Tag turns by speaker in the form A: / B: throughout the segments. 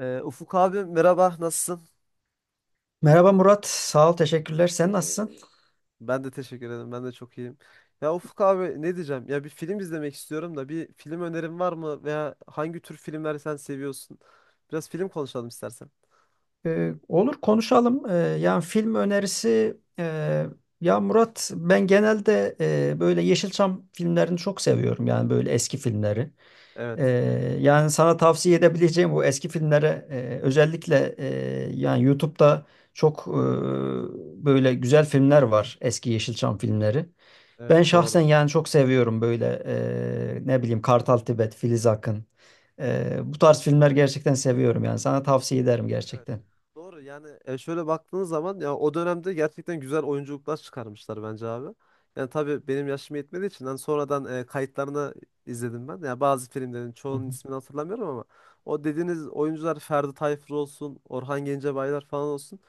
A: Ufuk abi, merhaba, nasılsın?
B: Merhaba Murat, sağ ol, teşekkürler. Sen nasılsın?
A: Ben de teşekkür ederim, ben de çok iyiyim. Ya Ufuk abi ne diyeceğim? Ya bir film izlemek istiyorum da bir film önerin var mı? Veya hangi tür filmler sen seviyorsun? Biraz film konuşalım istersen.
B: Olur konuşalım. Yani film önerisi, ya Murat ben genelde böyle Yeşilçam filmlerini çok seviyorum. Yani böyle eski filmleri. Ee,
A: Evet.
B: yani sana tavsiye edebileceğim bu eski filmlere özellikle yani YouTube'da çok böyle güzel filmler var. Eski Yeşilçam filmleri.
A: Evet,
B: Ben şahsen
A: doğru.
B: yani çok seviyorum böyle ne bileyim Kartal Tibet, Filiz Akın. Bu tarz filmler gerçekten seviyorum yani sana tavsiye ederim
A: Evet.
B: gerçekten.
A: Doğru yani şöyle baktığınız zaman ya o dönemde gerçekten güzel oyunculuklar çıkarmışlar bence abi. Yani tabii benim yaşım yetmediği için hani sonradan kayıtlarını izledim ben. Yani bazı filmlerin
B: Hı
A: çoğunun
B: hı.
A: ismini hatırlamıyorum ama o dediğiniz oyuncular Ferdi Tayfur olsun, Orhan Gencebaylar falan olsun.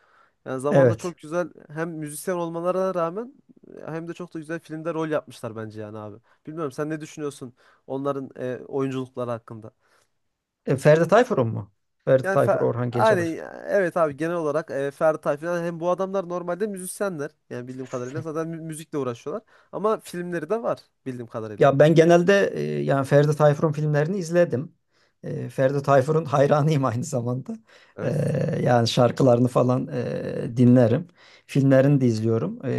A: Yani zamanda
B: Evet.
A: çok güzel hem müzisyen olmalarına rağmen hem de çok da güzel filmde rol yapmışlar bence yani abi. Bilmiyorum sen ne düşünüyorsun onların oyunculukları hakkında?
B: Ferdi Tayfur'un mu? Ferdi
A: Yani
B: Tayfur,
A: Fer-
B: Orhan
A: yani
B: Gencebay.
A: evet abi, genel olarak Ferdi falan, hem bu adamlar normalde müzisyenler. Yani bildiğim kadarıyla zaten müzikle uğraşıyorlar. Ama filmleri de var bildiğim kadarıyla.
B: Ya ben genelde yani Ferdi Tayfur'un filmlerini izledim. Ferdi Tayfur'un hayranıyım aynı zamanda. E,
A: Evet.
B: yani şarkılarını falan dinlerim. Filmlerini de izliyorum. E,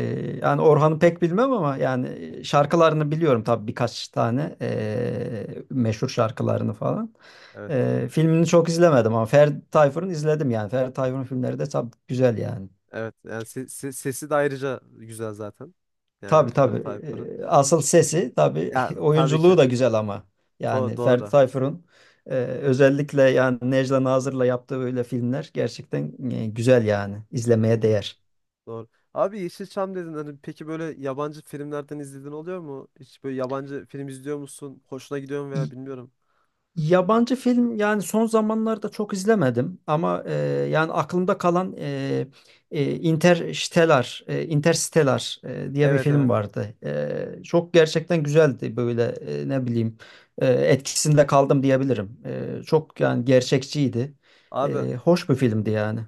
B: yani Orhan'ı pek bilmem ama yani şarkılarını biliyorum tabii birkaç tane meşhur şarkılarını falan.
A: Evet.
B: Filmini çok izlemedim ama Ferdi Tayfur'un izledim yani. Ferdi Tayfur'un filmleri de tabii güzel yani.
A: Evet. Yani sesi de ayrıca güzel zaten. Yani
B: Tabii,
A: Ferdi
B: tabii.
A: Tayfur'un.
B: Asıl sesi tabii
A: Yani tabii ki.
B: oyunculuğu da güzel ama. Yani Ferdi
A: Doğru.
B: Tayfur'un özellikle yani Necla Nazır'la yaptığı böyle filmler gerçekten güzel yani. İzlemeye
A: Hmm,
B: değer.
A: doğru. Abi Yeşilçam dedin hani, peki böyle yabancı filmlerden izlediğin oluyor mu? Hiç böyle yabancı film izliyor musun? Hoşuna gidiyor mu veya
B: İyi,
A: bilmiyorum.
B: yabancı film yani son zamanlarda çok izlemedim ama yani aklımda kalan Interstellar, Interstellar diye bir
A: Evet,
B: film
A: evet.
B: vardı. Çok gerçekten güzeldi böyle ne bileyim etkisinde kaldım diyebilirim. Çok yani gerçekçiydi.
A: Abi,
B: Hoş bir filmdi yani.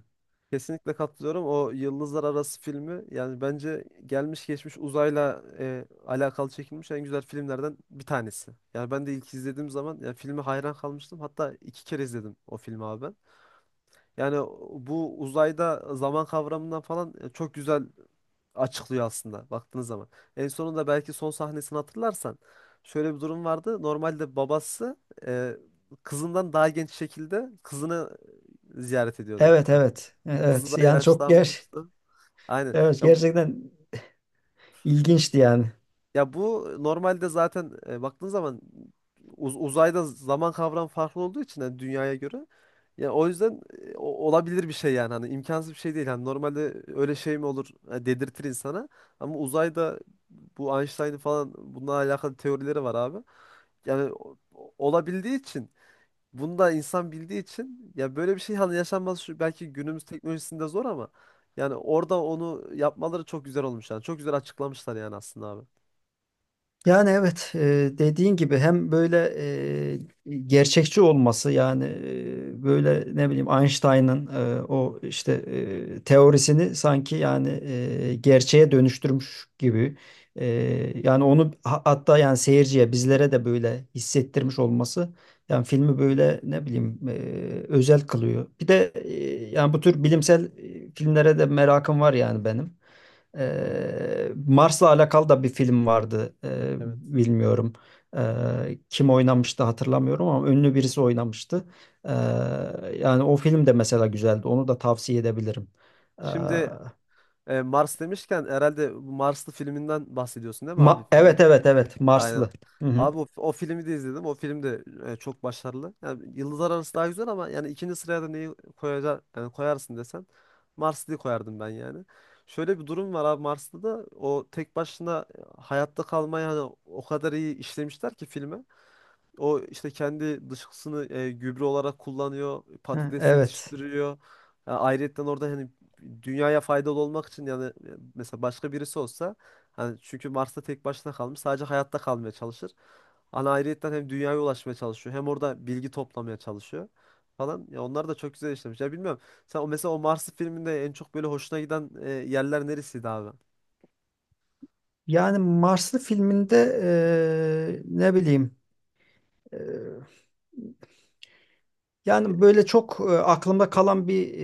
A: kesinlikle katılıyorum. O Yıldızlar Arası filmi yani bence gelmiş geçmiş uzayla alakalı çekilmiş en güzel filmlerden bir tanesi. Yani ben de ilk izlediğim zaman yani filme hayran kalmıştım. Hatta iki kere izledim o filmi abi ben. Yani bu uzayda zaman kavramından falan çok güzel açıklıyor aslında baktığınız zaman. En sonunda belki son sahnesini hatırlarsan şöyle bir durum vardı. Normalde babası e, kızından daha genç şekilde kızını ziyaret ediyordu.
B: Evet,
A: Yani
B: evet. E,
A: kızı
B: evet
A: da
B: yani çok ger
A: yaşlanmıştı. Aynen.
B: evet, gerçekten ilginçti yani.
A: Ya bu normalde zaten baktığın zaman uzayda zaman kavramı farklı olduğu için hani dünyaya göre. Ya o yüzden olabilir bir şey yani, hani imkansız bir şey değil. Hani normalde öyle şey mi olur dedirtir insana. Ama uzayda bu Einstein'ın falan bununla alakalı teorileri var abi. Yani olabildiği için bunu da insan bildiği için ya böyle bir şey hani yaşanması şu belki günümüz teknolojisinde zor ama yani orada onu yapmaları çok güzel olmuş yani. Çok güzel açıklamışlar yani aslında abi.
B: Yani evet, dediğin gibi hem böyle e, gerçekçi olması yani böyle ne bileyim Einstein'ın o işte teorisini sanki yani gerçeğe dönüştürmüş gibi. E, yani onu hatta yani seyirciye bizlere de böyle hissettirmiş olması yani filmi böyle ne bileyim özel kılıyor. Bir de yani bu tür bilimsel filmlere de merakım var yani benim.
A: Hmm.
B: Mars'la alakalı da bir film vardı. Ee,
A: Evet.
B: bilmiyorum. Kim oynamıştı hatırlamıyorum ama ünlü birisi oynamıştı. Ee, yani o film de mesela güzeldi. Onu da tavsiye edebilirim. Ee,
A: Şimdi Mars demişken herhalde bu Marslı filminden bahsediyorsun değil mi abi?
B: Ma-
A: Film
B: evet evet, evet,
A: aynen.
B: Marslı. Hı hı.
A: Abi o, o filmi de izledim. O film de çok başarılı. Yani Yıldızlar Arası daha güzel ama yani ikinci sıraya da neyi koyacak yani koyarsın desen Marslı'yı koyardım ben yani. Şöyle bir durum var abi, Marslı'da da o tek başına hayatta kalmayı hani o kadar iyi işlemişler ki filme. O işte kendi dışkısını gübre olarak kullanıyor.
B: Ha,
A: Patates
B: evet.
A: yetiştiriyor. Yani ayrıyetten orada hani dünyaya faydalı olmak için yani, mesela başka birisi olsa hani, çünkü Mars'ta tek başına kalmış sadece hayatta kalmaya çalışır. Hani ayrıyetten hem dünyaya ulaşmaya çalışıyor hem orada bilgi toplamaya çalışıyor falan. Ya onlar da çok güzel işlemiş. Ya bilmiyorum. Sen o mesela o Mars'ı filminde en çok böyle hoşuna giden yerler neresiydi abi?
B: Yani Marslı filminde ne bileyim, eee, yani böyle çok aklımda kalan bir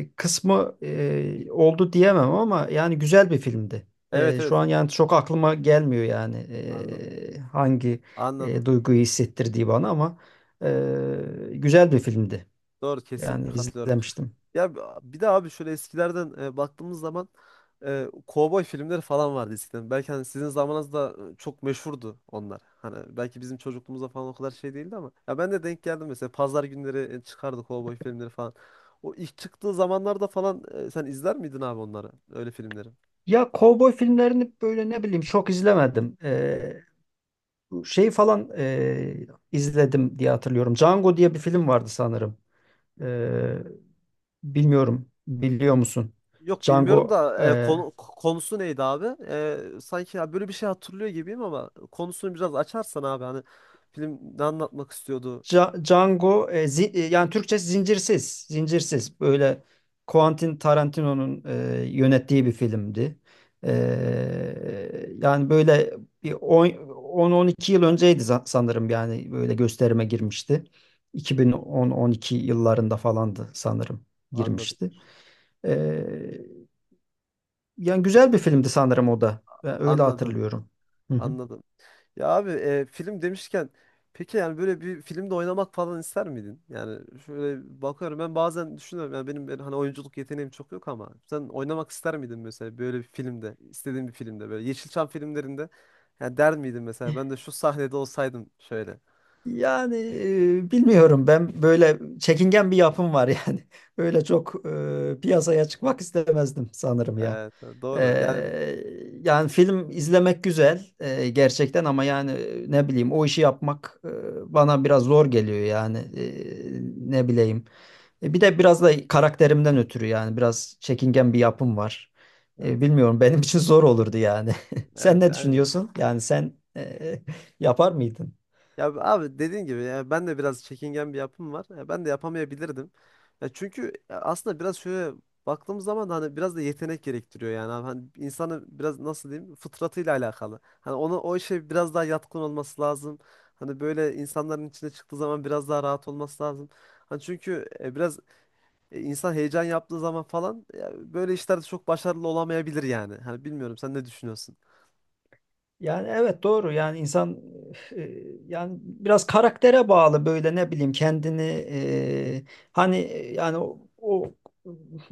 B: kısmı oldu diyemem ama yani güzel bir filmdi.
A: Evet,
B: Şu
A: evet.
B: an yani çok aklıma gelmiyor yani
A: Anladım.
B: hangi
A: Anladım.
B: duyguyu hissettirdiği bana, ama güzel bir filmdi.
A: Doğru,
B: Yani
A: kesinlikle katılıyorum.
B: izlemiştim.
A: Ya bir de abi şöyle eskilerden baktığımız zaman kovboy filmleri falan vardı eskiden. Belki hani sizin zamanınızda çok meşhurdu onlar. Hani belki bizim çocukluğumuzda falan o kadar şey değildi ama ya ben de denk geldim mesela pazar günleri çıkardı kovboy filmleri falan. O ilk çıktığı zamanlarda falan sen izler miydin abi onları, öyle filmleri?
B: Ya kovboy filmlerini böyle ne bileyim çok izlemedim. Bu şey falan izledim diye hatırlıyorum. Django diye bir film vardı sanırım. Ee, bilmiyorum. Biliyor musun?
A: Yok bilmiyorum
B: Django
A: da
B: e,
A: konusu neydi abi? Sanki ya böyle bir şey hatırlıyor gibiyim ama konusunu biraz açarsan abi hani film ne anlatmak istiyordu?
B: Django, yani Türkçe zincirsiz. Zincirsiz. Böyle Quentin Tarantino'nun yönettiği bir filmdi. Yani böyle bir 10-12 yıl önceydi, sanırım yani böyle gösterime girmişti.
A: Hı hı.
B: 2010-12 yıllarında falandı sanırım
A: Anladım.
B: girmişti. Ee, yani güzel bir filmdi sanırım o da. Ben öyle
A: Anladım.
B: hatırlıyorum. Hı hı.
A: Anladım. Ya abi film demişken peki yani böyle bir filmde oynamak falan ister miydin? Yani şöyle bakıyorum, ben bazen düşünüyorum yani benim hani oyunculuk yeteneğim çok yok ama sen oynamak ister miydin mesela böyle bir filmde, istediğin bir filmde, böyle Yeşilçam filmlerinde yani der miydin mesela ben de şu sahnede olsaydım şöyle.
B: Yani bilmiyorum, ben böyle çekingen bir yapım var yani. Öyle çok piyasaya çıkmak istemezdim sanırım ya.
A: Evet, doğru yani,
B: E, yani film izlemek güzel gerçekten, ama yani ne bileyim o işi yapmak bana biraz zor geliyor yani. Ne bileyim. Bir de biraz da karakterimden ötürü yani biraz çekingen bir yapım var. E,
A: evet
B: bilmiyorum benim için zor olurdu yani.
A: evet
B: Sen ne
A: yani.
B: düşünüyorsun? Yani sen yapar mıydın?
A: Ya abi dediğin gibi yani ben de biraz çekingen bir yapım var. Ya ben de yapamayabilirdim. Ya çünkü ya aslında biraz şöyle baktığımız zaman da hani biraz da yetenek gerektiriyor yani. Abi hani insanın biraz nasıl diyeyim fıtratıyla alakalı. Hani ona, o işe biraz daha yatkın olması lazım. Hani böyle insanların içine çıktığı zaman biraz daha rahat olması lazım. Hani çünkü biraz insan heyecan yaptığı zaman falan ya böyle işlerde çok başarılı olamayabilir yani. Hani bilmiyorum sen ne düşünüyorsun?
B: Yani evet, doğru yani insan e, yani biraz karaktere bağlı, böyle ne bileyim kendini e, hani yani o,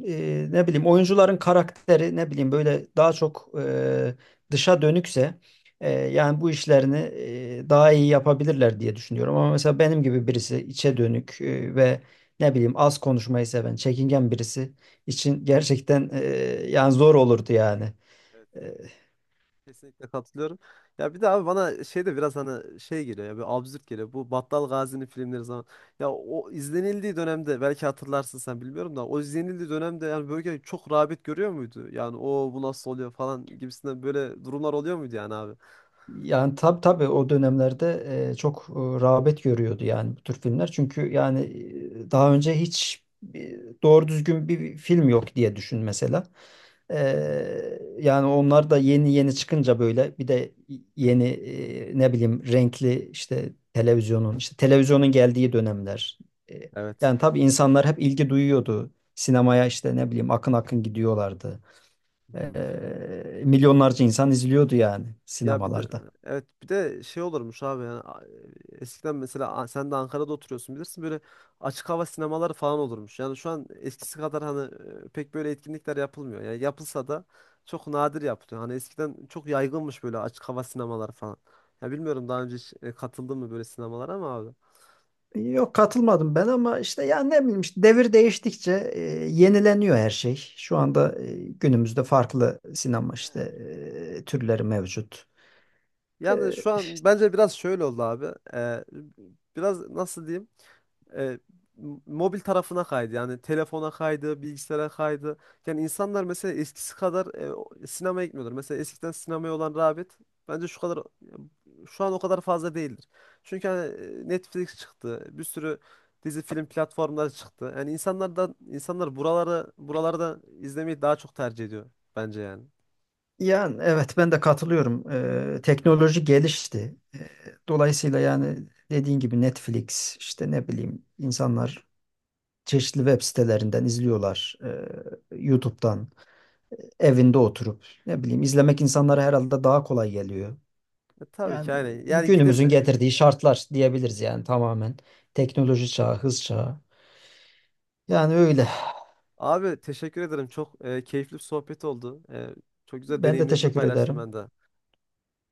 B: ne bileyim oyuncuların karakteri ne bileyim böyle daha çok dışa dönükse yani bu işlerini daha iyi yapabilirler diye düşünüyorum, ama mesela benim gibi birisi içe dönük ve ne bileyim az konuşmayı seven çekingen birisi için gerçekten yani zor olurdu yani. E,
A: Kesinlikle katılıyorum. Ya bir de abi bana şey de biraz hani şey geliyor, ya bir absürt geliyor. Bu Battal Gazi'nin filmleri zaman. Ya o izlenildiği dönemde belki hatırlarsın sen bilmiyorum da o izlenildiği dönemde yani böyle çok rağbet görüyor muydu? Yani o bu nasıl oluyor falan gibisinden böyle durumlar oluyor muydu yani abi?
B: Yani tabii, tabii o dönemlerde çok rağbet görüyordu yani bu tür filmler. Çünkü yani daha önce hiç doğru düzgün bir film yok diye düşün mesela.
A: Hı hı.
B: E, yani onlar da yeni yeni çıkınca, böyle bir de yeni ne bileyim renkli işte televizyonun geldiği dönemler. E,
A: Evet.
B: yani tabii insanlar hep ilgi duyuyordu. Sinemaya işte ne bileyim akın akın gidiyorlardı. Milyonlarca insan izliyordu yani,
A: Ya bir de
B: sinemalarda.
A: evet, bir de şey olurmuş abi yani, eskiden mesela, sen de Ankara'da oturuyorsun bilirsin, böyle açık hava sinemaları falan olurmuş. Yani şu an eskisi kadar hani pek böyle etkinlikler yapılmıyor. Yani yapılsa da çok nadir yapılıyor. Hani eskiden çok yaygınmış böyle açık hava sinemaları falan. Ya bilmiyorum, daha önce hiç katıldın mı böyle sinemalara ama abi.
B: Yok, katılmadım ben, ama işte ya ne bileyim işte devir değiştikçe yenileniyor her şey. Şu anda günümüzde farklı sinema işte
A: Evet.
B: türleri mevcut.
A: Yani şu
B: E,
A: an bence biraz şöyle oldu abi. Ee, Biraz nasıl diyeyim? e, Mobil tarafına kaydı. Yani telefona kaydı, bilgisayara kaydı. Yani insanlar mesela eskisi kadar sinemaya gitmiyorlar. Mesela eskiden sinemaya olan rağbet bence şu kadar şu an o kadar fazla değildir. Çünkü hani Netflix çıktı. Bir sürü dizi film platformları çıktı. Yani insanlar da insanlar buralarda izlemeyi daha çok tercih ediyor bence yani.
B: yani evet, ben de katılıyorum. Teknoloji gelişti. Dolayısıyla yani dediğin gibi Netflix işte ne bileyim insanlar çeşitli web sitelerinden izliyorlar. YouTube'dan evinde oturup ne bileyim izlemek insanlara herhalde daha kolay geliyor.
A: E, tabii ki
B: Yani
A: yani. Yani gidip
B: günümüzün getirdiği şartlar diyebiliriz yani, tamamen. Teknoloji çağı, hız çağı. Yani öyle.
A: abi teşekkür ederim. Çok keyifli bir sohbet oldu. Çok güzel
B: Ben de
A: deneyimlerini
B: teşekkür
A: paylaştım
B: ederim.
A: ben de.